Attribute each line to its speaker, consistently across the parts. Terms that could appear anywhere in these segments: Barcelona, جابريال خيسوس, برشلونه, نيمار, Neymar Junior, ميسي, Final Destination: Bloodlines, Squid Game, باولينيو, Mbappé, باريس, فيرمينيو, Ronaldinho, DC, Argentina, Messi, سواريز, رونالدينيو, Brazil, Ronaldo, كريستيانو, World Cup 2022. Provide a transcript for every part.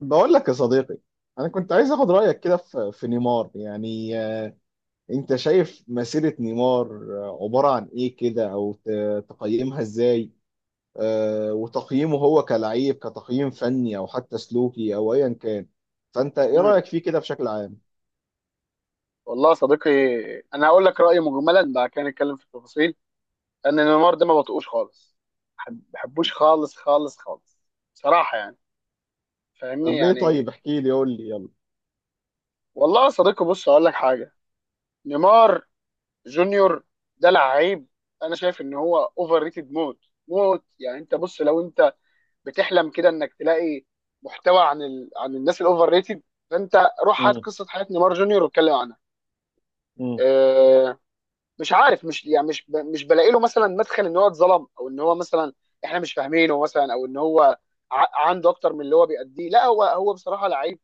Speaker 1: بقول لك يا صديقي، انا كنت عايز اخد رايك كده في نيمار يعني، انت شايف مسيره نيمار عباره عن ايه كده، او تقيمها ازاي؟ وتقييمه هو كلعيب، كتقييم فني او حتى سلوكي او ايا كان. فانت ايه
Speaker 2: مم.
Speaker 1: رايك فيه كده بشكل عام؟
Speaker 2: والله يا صديقي، انا هقول لك رايي مجملا بعد كده نتكلم في التفاصيل. لان نيمار ده ما بطقوش خالص، ما بحبوش خالص خالص خالص بصراحه، يعني فاهمني
Speaker 1: طب ليه؟ طيب
Speaker 2: يعني.
Speaker 1: احكي لي، قول لي، يلا.
Speaker 2: والله يا صديقي بص هقول لك حاجه. نيمار جونيور ده لعيب. انا شايف ان هو اوفر ريتد موت موت. يعني انت بص، لو انت بتحلم كده انك تلاقي محتوى عن الناس الاوفر ريتد، فانت روح هات
Speaker 1: امم.
Speaker 2: قصه حياه نيمار جونيور واتكلم عنها.
Speaker 1: امم.
Speaker 2: آه، مش عارف، مش يعني مش بلاقي له مثلا مدخل ان هو اتظلم، او ان هو مثلا احنا مش فاهمينه مثلا، او ان هو عنده اكتر من اللي هو بيأديه. لا، هو بصراحه لعيب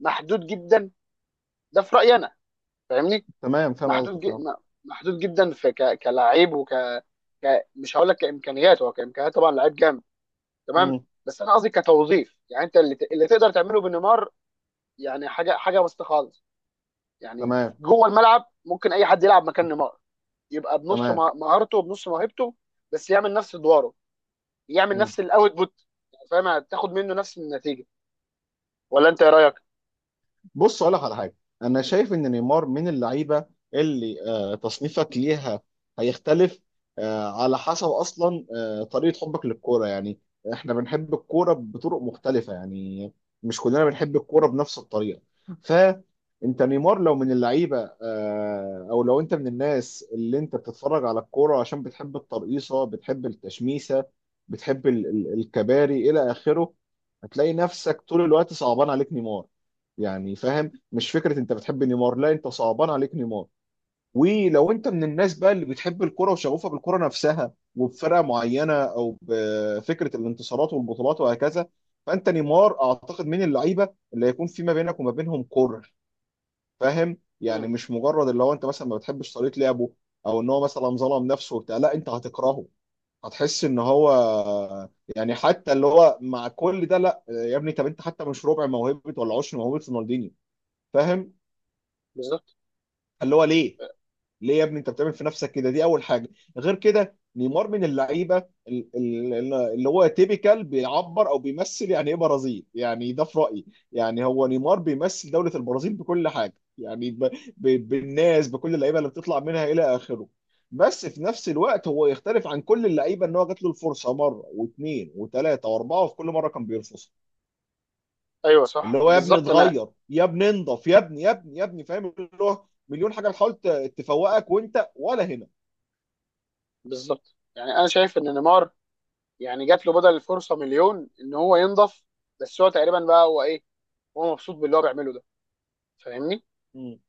Speaker 2: محدود جدا، ده في رأيي انا فاهمني.
Speaker 1: تمام، فاهم
Speaker 2: محدود ج-
Speaker 1: قصدك، اه.
Speaker 2: م- محدود جدا كلاعب مش هقول لك كامكانيات، هو كامكانيات طبعا لعيب جامد تمام.
Speaker 1: امم.
Speaker 2: بس انا قصدي كتوظيف، يعني انت اللي، اللي تقدر تعمله بنيمار يعني حاجه وسط خالص. يعني
Speaker 1: تمام.
Speaker 2: جوه الملعب ممكن اي حد يلعب مكان نيمار، يبقى بنص
Speaker 1: تمام.
Speaker 2: مهارته وبنص موهبته، بس يعمل نفس ادواره، يعمل
Speaker 1: مم.
Speaker 2: نفس الاوتبوت. فاهم، هتاخد منه نفس النتيجه، ولا انت ايه رايك؟
Speaker 1: بص، اقول لك على حاجه. انا شايف ان نيمار من اللعيبه اللي تصنيفك ليها هيختلف على حسب اصلا طريقه حبك للكوره. يعني احنا بنحب الكوره بطرق مختلفه، يعني مش كلنا بنحب الكوره بنفس الطريقه. فانت نيمار لو من اللعيبه، او لو انت من الناس اللي انت بتتفرج على الكوره عشان بتحب الترقيصه، بتحب التشميسه، بتحب الكباري الى اخره، هتلاقي نفسك طول الوقت صعبان عليك نيمار. يعني فاهم، مش فكره انت بتحب نيمار، لا، انت صعبان عليك نيمار. ولو انت من الناس بقى اللي بتحب الكرة وشغوفة بالكرة نفسها، وبفرقة معينة، او بفكرة الانتصارات والبطولات وهكذا، فانت نيمار اعتقد من اللعيبة اللي هيكون في ما بينك وما بينهم كره. فاهم؟ يعني
Speaker 2: امم.
Speaker 1: مش مجرد اللي هو انت مثلا ما بتحبش طريقة لعبه، او ان هو مثلا ظلم نفسه وبتاع، لا، انت هتكرهه، هتحس ان هو يعني، حتى اللي هو، مع كل ده، لا يا ابني، طب انت حتى مش ربع موهبة ولا عشر موهبة رونالدينيو، فاهم؟
Speaker 2: بالظبط.
Speaker 1: اللي هو ليه؟ ليه يا ابني انت بتعمل في نفسك كده؟ دي اول حاجه. غير كده، نيمار من اللعيبه اللي هو تيبيكال بيعبر او بيمثل يعني ايه برازيل. يعني ده في رايي. يعني هو نيمار بيمثل دوله البرازيل بكل حاجه، يعني بالناس، بكل اللعيبه اللي بتطلع منها الى اخره. بس في نفس الوقت هو يختلف عن كل اللعيبه، ان هو جات له الفرصه مره واثنين وثلاثه واربعه، وفي كل مره كان بيرفضها.
Speaker 2: ايوه
Speaker 1: اللي
Speaker 2: صح
Speaker 1: هو يا ابني
Speaker 2: بالظبط. انا
Speaker 1: اتغير، يا ابني انضف، يا ابني، يا ابني، يا ابني، فاهم؟ اللي هو مليون حاجه بتحاول تفوقك وانت ولا هنا.
Speaker 2: بالظبط، يعني انا شايف ان نيمار يعني جات له بدل الفرصه مليون ان هو ينضف، بس هو تقريبا بقى هو ايه، هو مبسوط باللي هو بيعمله ده فاهمني؟
Speaker 1: مم.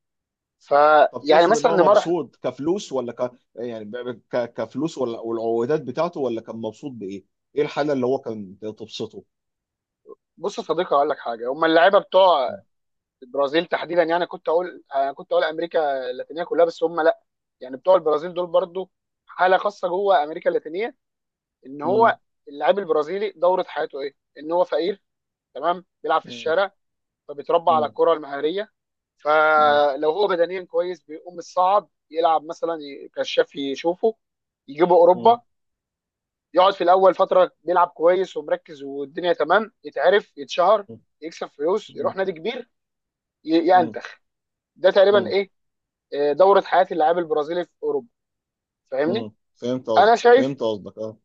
Speaker 1: طب
Speaker 2: فيعني
Speaker 1: تقصد ان
Speaker 2: مثلا
Speaker 1: هو
Speaker 2: نيمار
Speaker 1: مبسوط كفلوس، ولا يعني كفلوس، ولا والعقودات بتاعته، ولا كان مبسوط بايه؟ ايه الحاله اللي هو كان تبسطه؟
Speaker 2: بص يا صديقي هقول لك حاجه. هم اللعيبه بتوع البرازيل تحديدا، يعني كنت اقول انا كنت اقول امريكا اللاتينيه كلها، بس هم لا، يعني بتوع البرازيل دول برضو حاله خاصه جوه امريكا اللاتينيه. ان
Speaker 1: مم.
Speaker 2: هو اللاعب البرازيلي دوره حياته ايه؟ ان هو فقير تمام، بيلعب في
Speaker 1: مم.
Speaker 2: الشارع، فبيتربى على
Speaker 1: مم.
Speaker 2: الكره المهاريه.
Speaker 1: مم.
Speaker 2: فلو هو بدنيا كويس بيقوم الصعب يلعب مثلا، كشاف يشوفه، يجيبه
Speaker 1: مم.
Speaker 2: اوروبا، يقعد في الاول فتره بيلعب كويس ومركز والدنيا تمام، يتعرف يتشهر، يكسب فلوس،
Speaker 1: مم.
Speaker 2: يروح نادي كبير، ي-
Speaker 1: مم.
Speaker 2: ينتخ ده تقريبا
Speaker 1: مم.
Speaker 2: ايه، آه، دوره حياه اللاعب البرازيلي في اوروبا فاهمني.
Speaker 1: مم. فهمت قصدك،
Speaker 2: انا شايف
Speaker 1: فهمت قصدك، اه.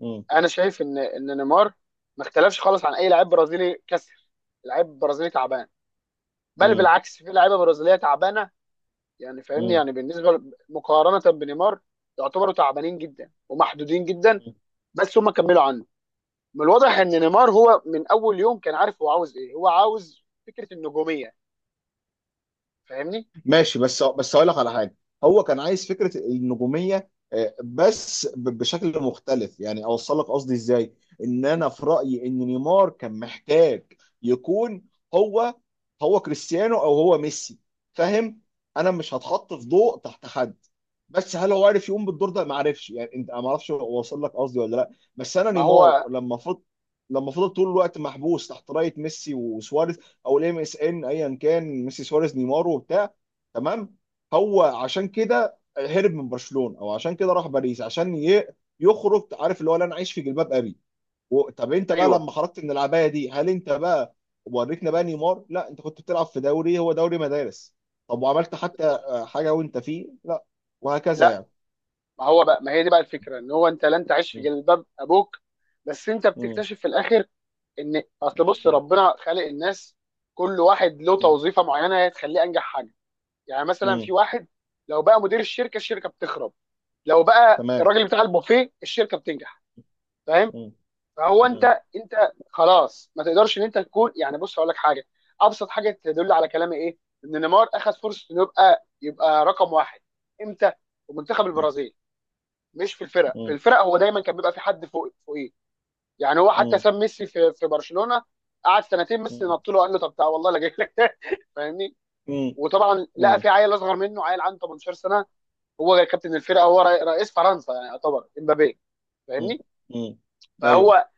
Speaker 1: مم.
Speaker 2: انا شايف ان نيمار ما اختلفش خالص عن اي لاعب برازيلي كسر، لاعب برازيلي تعبان، بل
Speaker 1: مم.
Speaker 2: بالعكس في لعيبه برازيليه تعبانه، يعني فاهمني،
Speaker 1: مم.
Speaker 2: يعني بالنسبه مقارنه بنيمار يعتبروا تعبانين جدا ومحدودين جدا، بس هم كملوا عنه. من الواضح ان نيمار هو من اول يوم كان عارف هو عاوز ايه، هو عاوز فكره النجوميه فاهمني.
Speaker 1: ماشي، بس هقول لك على حاجه. هو كان عايز فكره النجوميه، بس بشكل مختلف. يعني اوصل لك قصدي ازاي؟ ان انا في رايي ان نيمار كان محتاج يكون هو هو كريستيانو او هو ميسي، فاهم؟ انا مش هتحط في ضوء تحت حد، بس هل هو عارف يقوم بالدور ده؟ ما عارفش يعني، انت، ما اعرفش اوصل لك قصدي ولا لا. بس انا
Speaker 2: ما
Speaker 1: نيمار
Speaker 2: هو
Speaker 1: لما لما فضل طول الوقت محبوس تحت رايه ميسي وسواريز، او الام اس ان، ايا كان، ميسي سواريز نيمار وبتاع، تمام؟ هو عشان كده هرب من برشلونه، او عشان كده راح باريس عشان يخرج. عارف، اللي هو لا انا عايش في جلباب ابي. طب انت بقى
Speaker 2: ايوه
Speaker 1: لما خرجت من العبايه دي، هل انت بقى وريتنا بقى نيمار؟ لا، انت كنت بتلعب في دوري، هو دوري مدارس. طب وعملت حتى
Speaker 2: بالظبط.
Speaker 1: حاجه وانت فيه؟ لا. وهكذا يعني.
Speaker 2: ما هو بقى، ما هي دي بقى الفكره، ان هو انت لن تعيش في
Speaker 1: م-
Speaker 2: جلباب ابوك، بس انت
Speaker 1: م-
Speaker 2: بتكتشف في الاخر ان اصل بص
Speaker 1: م-
Speaker 2: ربنا خالق الناس، كل واحد له
Speaker 1: م-
Speaker 2: توظيفه معينه هي تخليه انجح حاجه. يعني مثلا
Speaker 1: م-
Speaker 2: في واحد لو بقى مدير الشركه، الشركه بتخرب، لو بقى
Speaker 1: تمام.
Speaker 2: الراجل بتاع البوفيه الشركه بتنجح فاهم.
Speaker 1: م-
Speaker 2: فهو انت،
Speaker 1: م-
Speaker 2: انت خلاص ما تقدرش ان انت تكون، يعني بص هقول لك حاجه، ابسط حاجه تدل على كلامي ايه؟ ان نيمار اخذ فرصه انه يبقى رقم واحد. امتى؟ في منتخب
Speaker 1: م-
Speaker 2: البرازيل. مش في الفرق، في
Speaker 1: م-
Speaker 2: الفرق هو دايما كان بيبقى في حد فوق فوقيه. يعني هو حتى
Speaker 1: م-
Speaker 2: ساب ميسي في برشلونه، قعد سنتين، ميسي
Speaker 1: م-
Speaker 2: نط له قال له طب تعالى والله لا جاي لك. فاهمني.
Speaker 1: م-
Speaker 2: وطبعا لقى
Speaker 1: م-
Speaker 2: في عيل اصغر منه، عيل عنده 18 سنه، هو كابتن الفرقه، هو رئيس فرنسا، يعني يعتبر امبابي
Speaker 1: م-
Speaker 2: فاهمني.
Speaker 1: م- ايوه.
Speaker 2: فهو،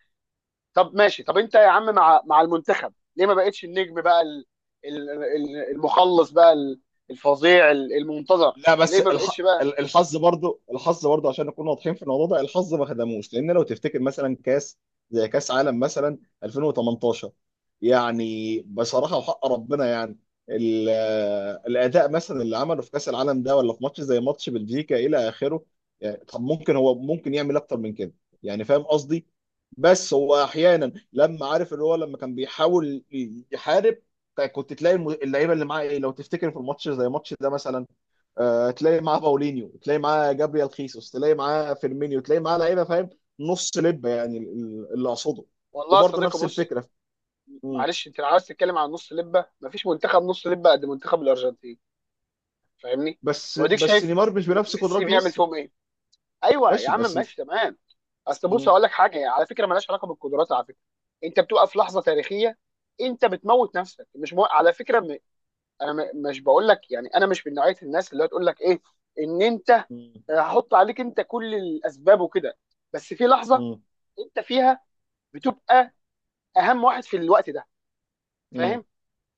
Speaker 2: طب ماشي، طب انت يا عم مع المنتخب ليه ما بقتش النجم بقى المخلص بقى الفظيع المنتظر،
Speaker 1: لا، بس
Speaker 2: ليه ما بقتش بقى؟
Speaker 1: الحظ برضو، الحظ برضو، عشان نكون واضحين في الموضوع ده، الحظ ما خدموش. لان لو تفتكر مثلا كاس، زي كاس عالم مثلا 2018، يعني بصراحه وحق ربنا، يعني ال... الاداء مثلا اللي عمله في كاس العالم ده، ولا في ماتش زي ماتش بلجيكا الى اخره، يعني طب ممكن هو ممكن يعمل اكتر من كده. يعني فاهم قصدي. بس هو احيانا لما عارف، اللي هو لما كان بيحاول يحارب، كنت تلاقي اللعيبه اللي معاه ايه لو تفتكر في الماتش زي ماتش ده مثلا. تلاقي معاه باولينيو، تلاقي معاه جابريال خيسوس، تلاقي معاه فيرمينيو، تلاقي معاه لعيبه، فاهم، نص لب يعني، اللي اقصده.
Speaker 2: والله يا
Speaker 1: وبرضه
Speaker 2: صديقي
Speaker 1: نفس
Speaker 2: بص،
Speaker 1: الفكره. مم.
Speaker 2: معلش انت لو عايز تتكلم عن نص لبه مفيش منتخب نص لبه قد منتخب الارجنتين فاهمني.
Speaker 1: بس
Speaker 2: واديك
Speaker 1: بس
Speaker 2: شايف
Speaker 1: نيمار مش
Speaker 2: م-
Speaker 1: بنفس
Speaker 2: ميسي
Speaker 1: قدرات
Speaker 2: بيعمل
Speaker 1: ميسي.
Speaker 2: فيهم ايه. ايوه يا
Speaker 1: ماشي
Speaker 2: عم
Speaker 1: بس.
Speaker 2: ماشي تمام. اصل بص
Speaker 1: مم.
Speaker 2: اقول لك حاجه، يعني على فكره مالهاش علاقه بالقدرات على فكره، انت بتبقى في لحظه تاريخيه، انت بتموت نفسك مش مو... على فكره مش بقول لك، يعني انا مش من نوعيه الناس اللي هتقول لك ايه، ان انت
Speaker 1: مم.
Speaker 2: آه، هحط عليك انت كل الاسباب وكده، بس في لحظه
Speaker 1: مم.
Speaker 2: انت فيها بتبقى اهم واحد في الوقت ده
Speaker 1: مم.
Speaker 2: فاهم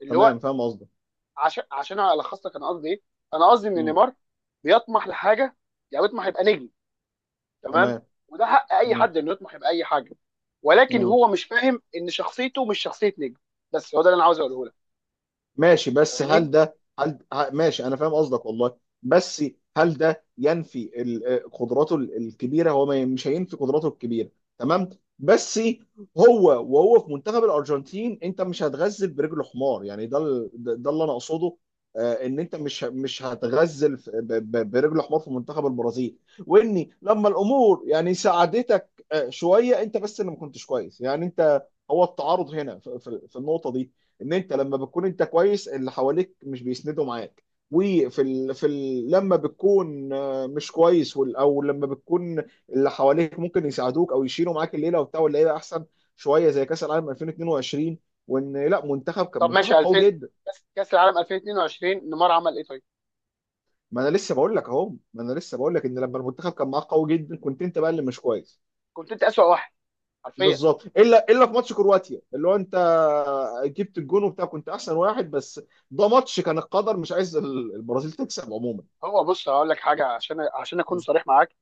Speaker 2: اللي هو.
Speaker 1: تمام، فاهم قصدك.
Speaker 2: عشان الخص لك انا قصدي ايه، انا قصدي ان
Speaker 1: مم.
Speaker 2: نيمار بيطمح لحاجه، يعني بيطمح يبقى نجم تمام،
Speaker 1: تمام.
Speaker 2: وده حق اي
Speaker 1: مم.
Speaker 2: حد انه يطمح يبقى اي حاجه، ولكن
Speaker 1: مم.
Speaker 2: هو مش فاهم ان شخصيته مش شخصيه نجم، بس هو ده اللي انا عاوز اقوله لك
Speaker 1: ماشي، بس
Speaker 2: فاهمني.
Speaker 1: هل ده، هل ماشي، انا فاهم قصدك والله. بس هل ده ينفي قدراته الكبيره؟ هو مش هينفي قدراته الكبيره، تمام. بس هو، وهو في منتخب الارجنتين، انت مش هتغزل برجل حمار يعني، ده ده اللي انا اقصده. ان انت مش مش هتغزل برجل حمار في منتخب البرازيل. واني لما الامور يعني ساعدتك شويه، انت بس اللي ما كنتش كويس. يعني انت، هو التعارض هنا في النقطه دي: ان انت لما بتكون انت كويس، اللي حواليك مش بيسندوا معاك. وفي في لما بتكون مش كويس، او لما بتكون اللي حواليك ممكن يساعدوك او يشيلوا معاك الليله وبتاع، واللعيبه احسن شويه، زي كاس العالم 2022، وان لا، منتخب كان
Speaker 2: طب
Speaker 1: منتخب
Speaker 2: ماشي،
Speaker 1: قوي
Speaker 2: 2000
Speaker 1: جدا.
Speaker 2: كاس كأس العالم 2022 نيمار عمل ايه طيب.
Speaker 1: ما انا لسه بقول لك اهو، ما انا لسه بقول لك ان لما المنتخب كان معاك قوي جدا، كنت انت بقى اللي مش كويس.
Speaker 2: كنت انت اسوأ واحد حرفيا.
Speaker 1: بالظبط، الا في ماتش كرواتيا اللي هو انت جبت الجون وبتاع كنت احسن واحد، بس ده ماتش كان القدر مش عايز البرازيل تكسب عموما.
Speaker 2: هو بص هقول لك حاجه، عشان اكون
Speaker 1: مم.
Speaker 2: صريح معاك.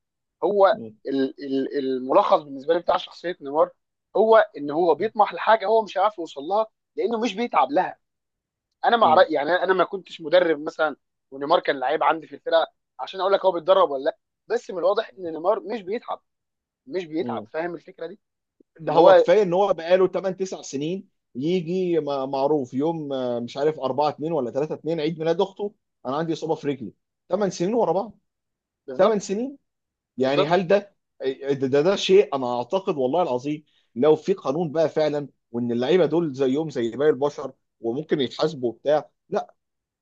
Speaker 2: هو
Speaker 1: مم.
Speaker 2: الملخص بالنسبه لي بتاع شخصيه نيمار هو ان هو بيطمح لحاجه هو مش عارف يوصل لها لانه مش بيتعب لها. انا مع
Speaker 1: مم.
Speaker 2: رأي، يعني انا ما كنتش مدرب مثلا ونيمار كان لعيب عندي في الفرقه عشان اقول لك هو بيتدرب ولا لا، بس من الواضح ان نيمار مش بيتعب، مش بيتعب.
Speaker 1: مم.
Speaker 2: فاهم الفكره دي.
Speaker 1: ده
Speaker 2: ان
Speaker 1: هو
Speaker 2: هو
Speaker 1: كفايه ان هو بقاله 8 9 سنين يجي معروف يوم، مش عارف 4 2 ولا 3 2، عيد ميلاد اخته، انا عندي اصابه في رجلي. 8 سنين ورا بعض، 8
Speaker 2: بالظبط.
Speaker 1: سنين، يعني
Speaker 2: بالظبط.
Speaker 1: هل ده؟ ده شيء انا اعتقد والله العظيم، لو في قانون بقى فعلا، وان اللعيبه دول زيهم زي باقي البشر وممكن يتحاسبوا وبتاع،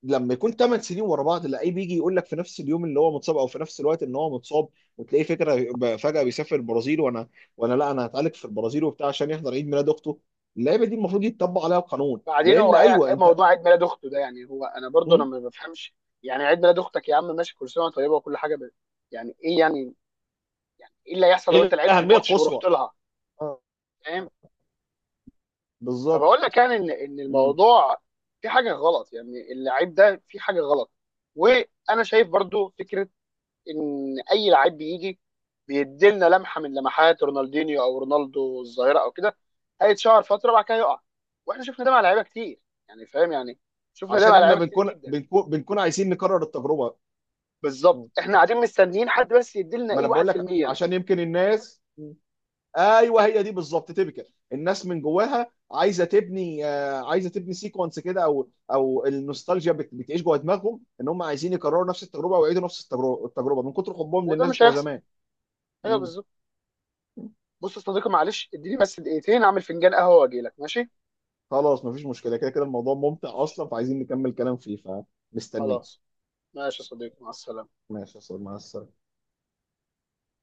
Speaker 1: لما يكون 8 سنين ورا بعض اللعيب يجي يقول لك في نفس اليوم اللي هو متصاب، او في نفس الوقت ان هو متصاب، وتلاقيه فكره فجاه بيسافر البرازيل، وانا لا انا هتعالج في البرازيل وبتاع عشان يحضر عيد ميلاد اخته، اللعيبه دي المفروض يتطبق عليها قانون،
Speaker 2: بعدين
Speaker 1: لان
Speaker 2: هو
Speaker 1: ايوه
Speaker 2: إيه
Speaker 1: انت.
Speaker 2: موضوع عيد ميلاد اخته ده؟ يعني هو انا برضه انا
Speaker 1: مم.
Speaker 2: ما بفهمش، يعني عيد ميلاد اختك يا عم ماشي، كل سنه وأنت طيبه وكل حاجه، بس يعني ايه يعني؟ يعني ايه اللي هيحصل لو
Speaker 1: ايه
Speaker 2: انت لعبت
Speaker 1: الاهميه
Speaker 2: الماتش
Speaker 1: القصوى؟
Speaker 2: ورحت لها؟
Speaker 1: آه،
Speaker 2: فاهم.
Speaker 1: بالظبط.
Speaker 2: فبقول لك يعني ان ان
Speaker 1: مم.
Speaker 2: الموضوع في حاجه غلط، يعني اللعيب ده في حاجه غلط. وانا شايف برضو فكره ان اي لعيب بيجي بيديلنا لمحه من لمحات رونالدينيو او رونالدو الظاهره او كده، هيتشهر فتره وبعد كده يقع، واحنا شفنا ده مع لعيبه كتير يعني فاهم يعني، شفنا ده
Speaker 1: عشان
Speaker 2: مع
Speaker 1: احنا
Speaker 2: لعيبه كتير
Speaker 1: بنكون
Speaker 2: جدا.
Speaker 1: بنكون بنكون عايزين نكرر التجربه. مم.
Speaker 2: بالظبط، احنا قاعدين مستنيين حد بس يديلنا
Speaker 1: ما
Speaker 2: ايه،
Speaker 1: انا بقول لك
Speaker 2: 1%.
Speaker 1: عشان يمكن الناس، ايوه هي دي بالظبط تيبيكال. الناس من جواها عايزه تبني، عايزه تبني سيكونس كده، او النوستالجيا بتعيش جوه دماغهم ان هم عايزين يكرروا نفس التجربه ويعيدوا نفس التجربه من كتر حبهم
Speaker 2: وده
Speaker 1: للناس
Speaker 2: مش
Speaker 1: بتوع
Speaker 2: هيحصل.
Speaker 1: زمان.
Speaker 2: ايوه
Speaker 1: مم.
Speaker 2: بالظبط. بص يا صديقي معلش اديني بس دقيقتين اعمل فنجان قهوه واجي لك ماشي.
Speaker 1: خلاص، مفيش مشكله، كده كده الموضوع ممتع اصلا، فعايزين نكمل كلام فيه، فمستنيك.
Speaker 2: خلاص. ماشي يا صديقي، مع السلامه.
Speaker 1: ماشي يا استاذ، مع السلامه.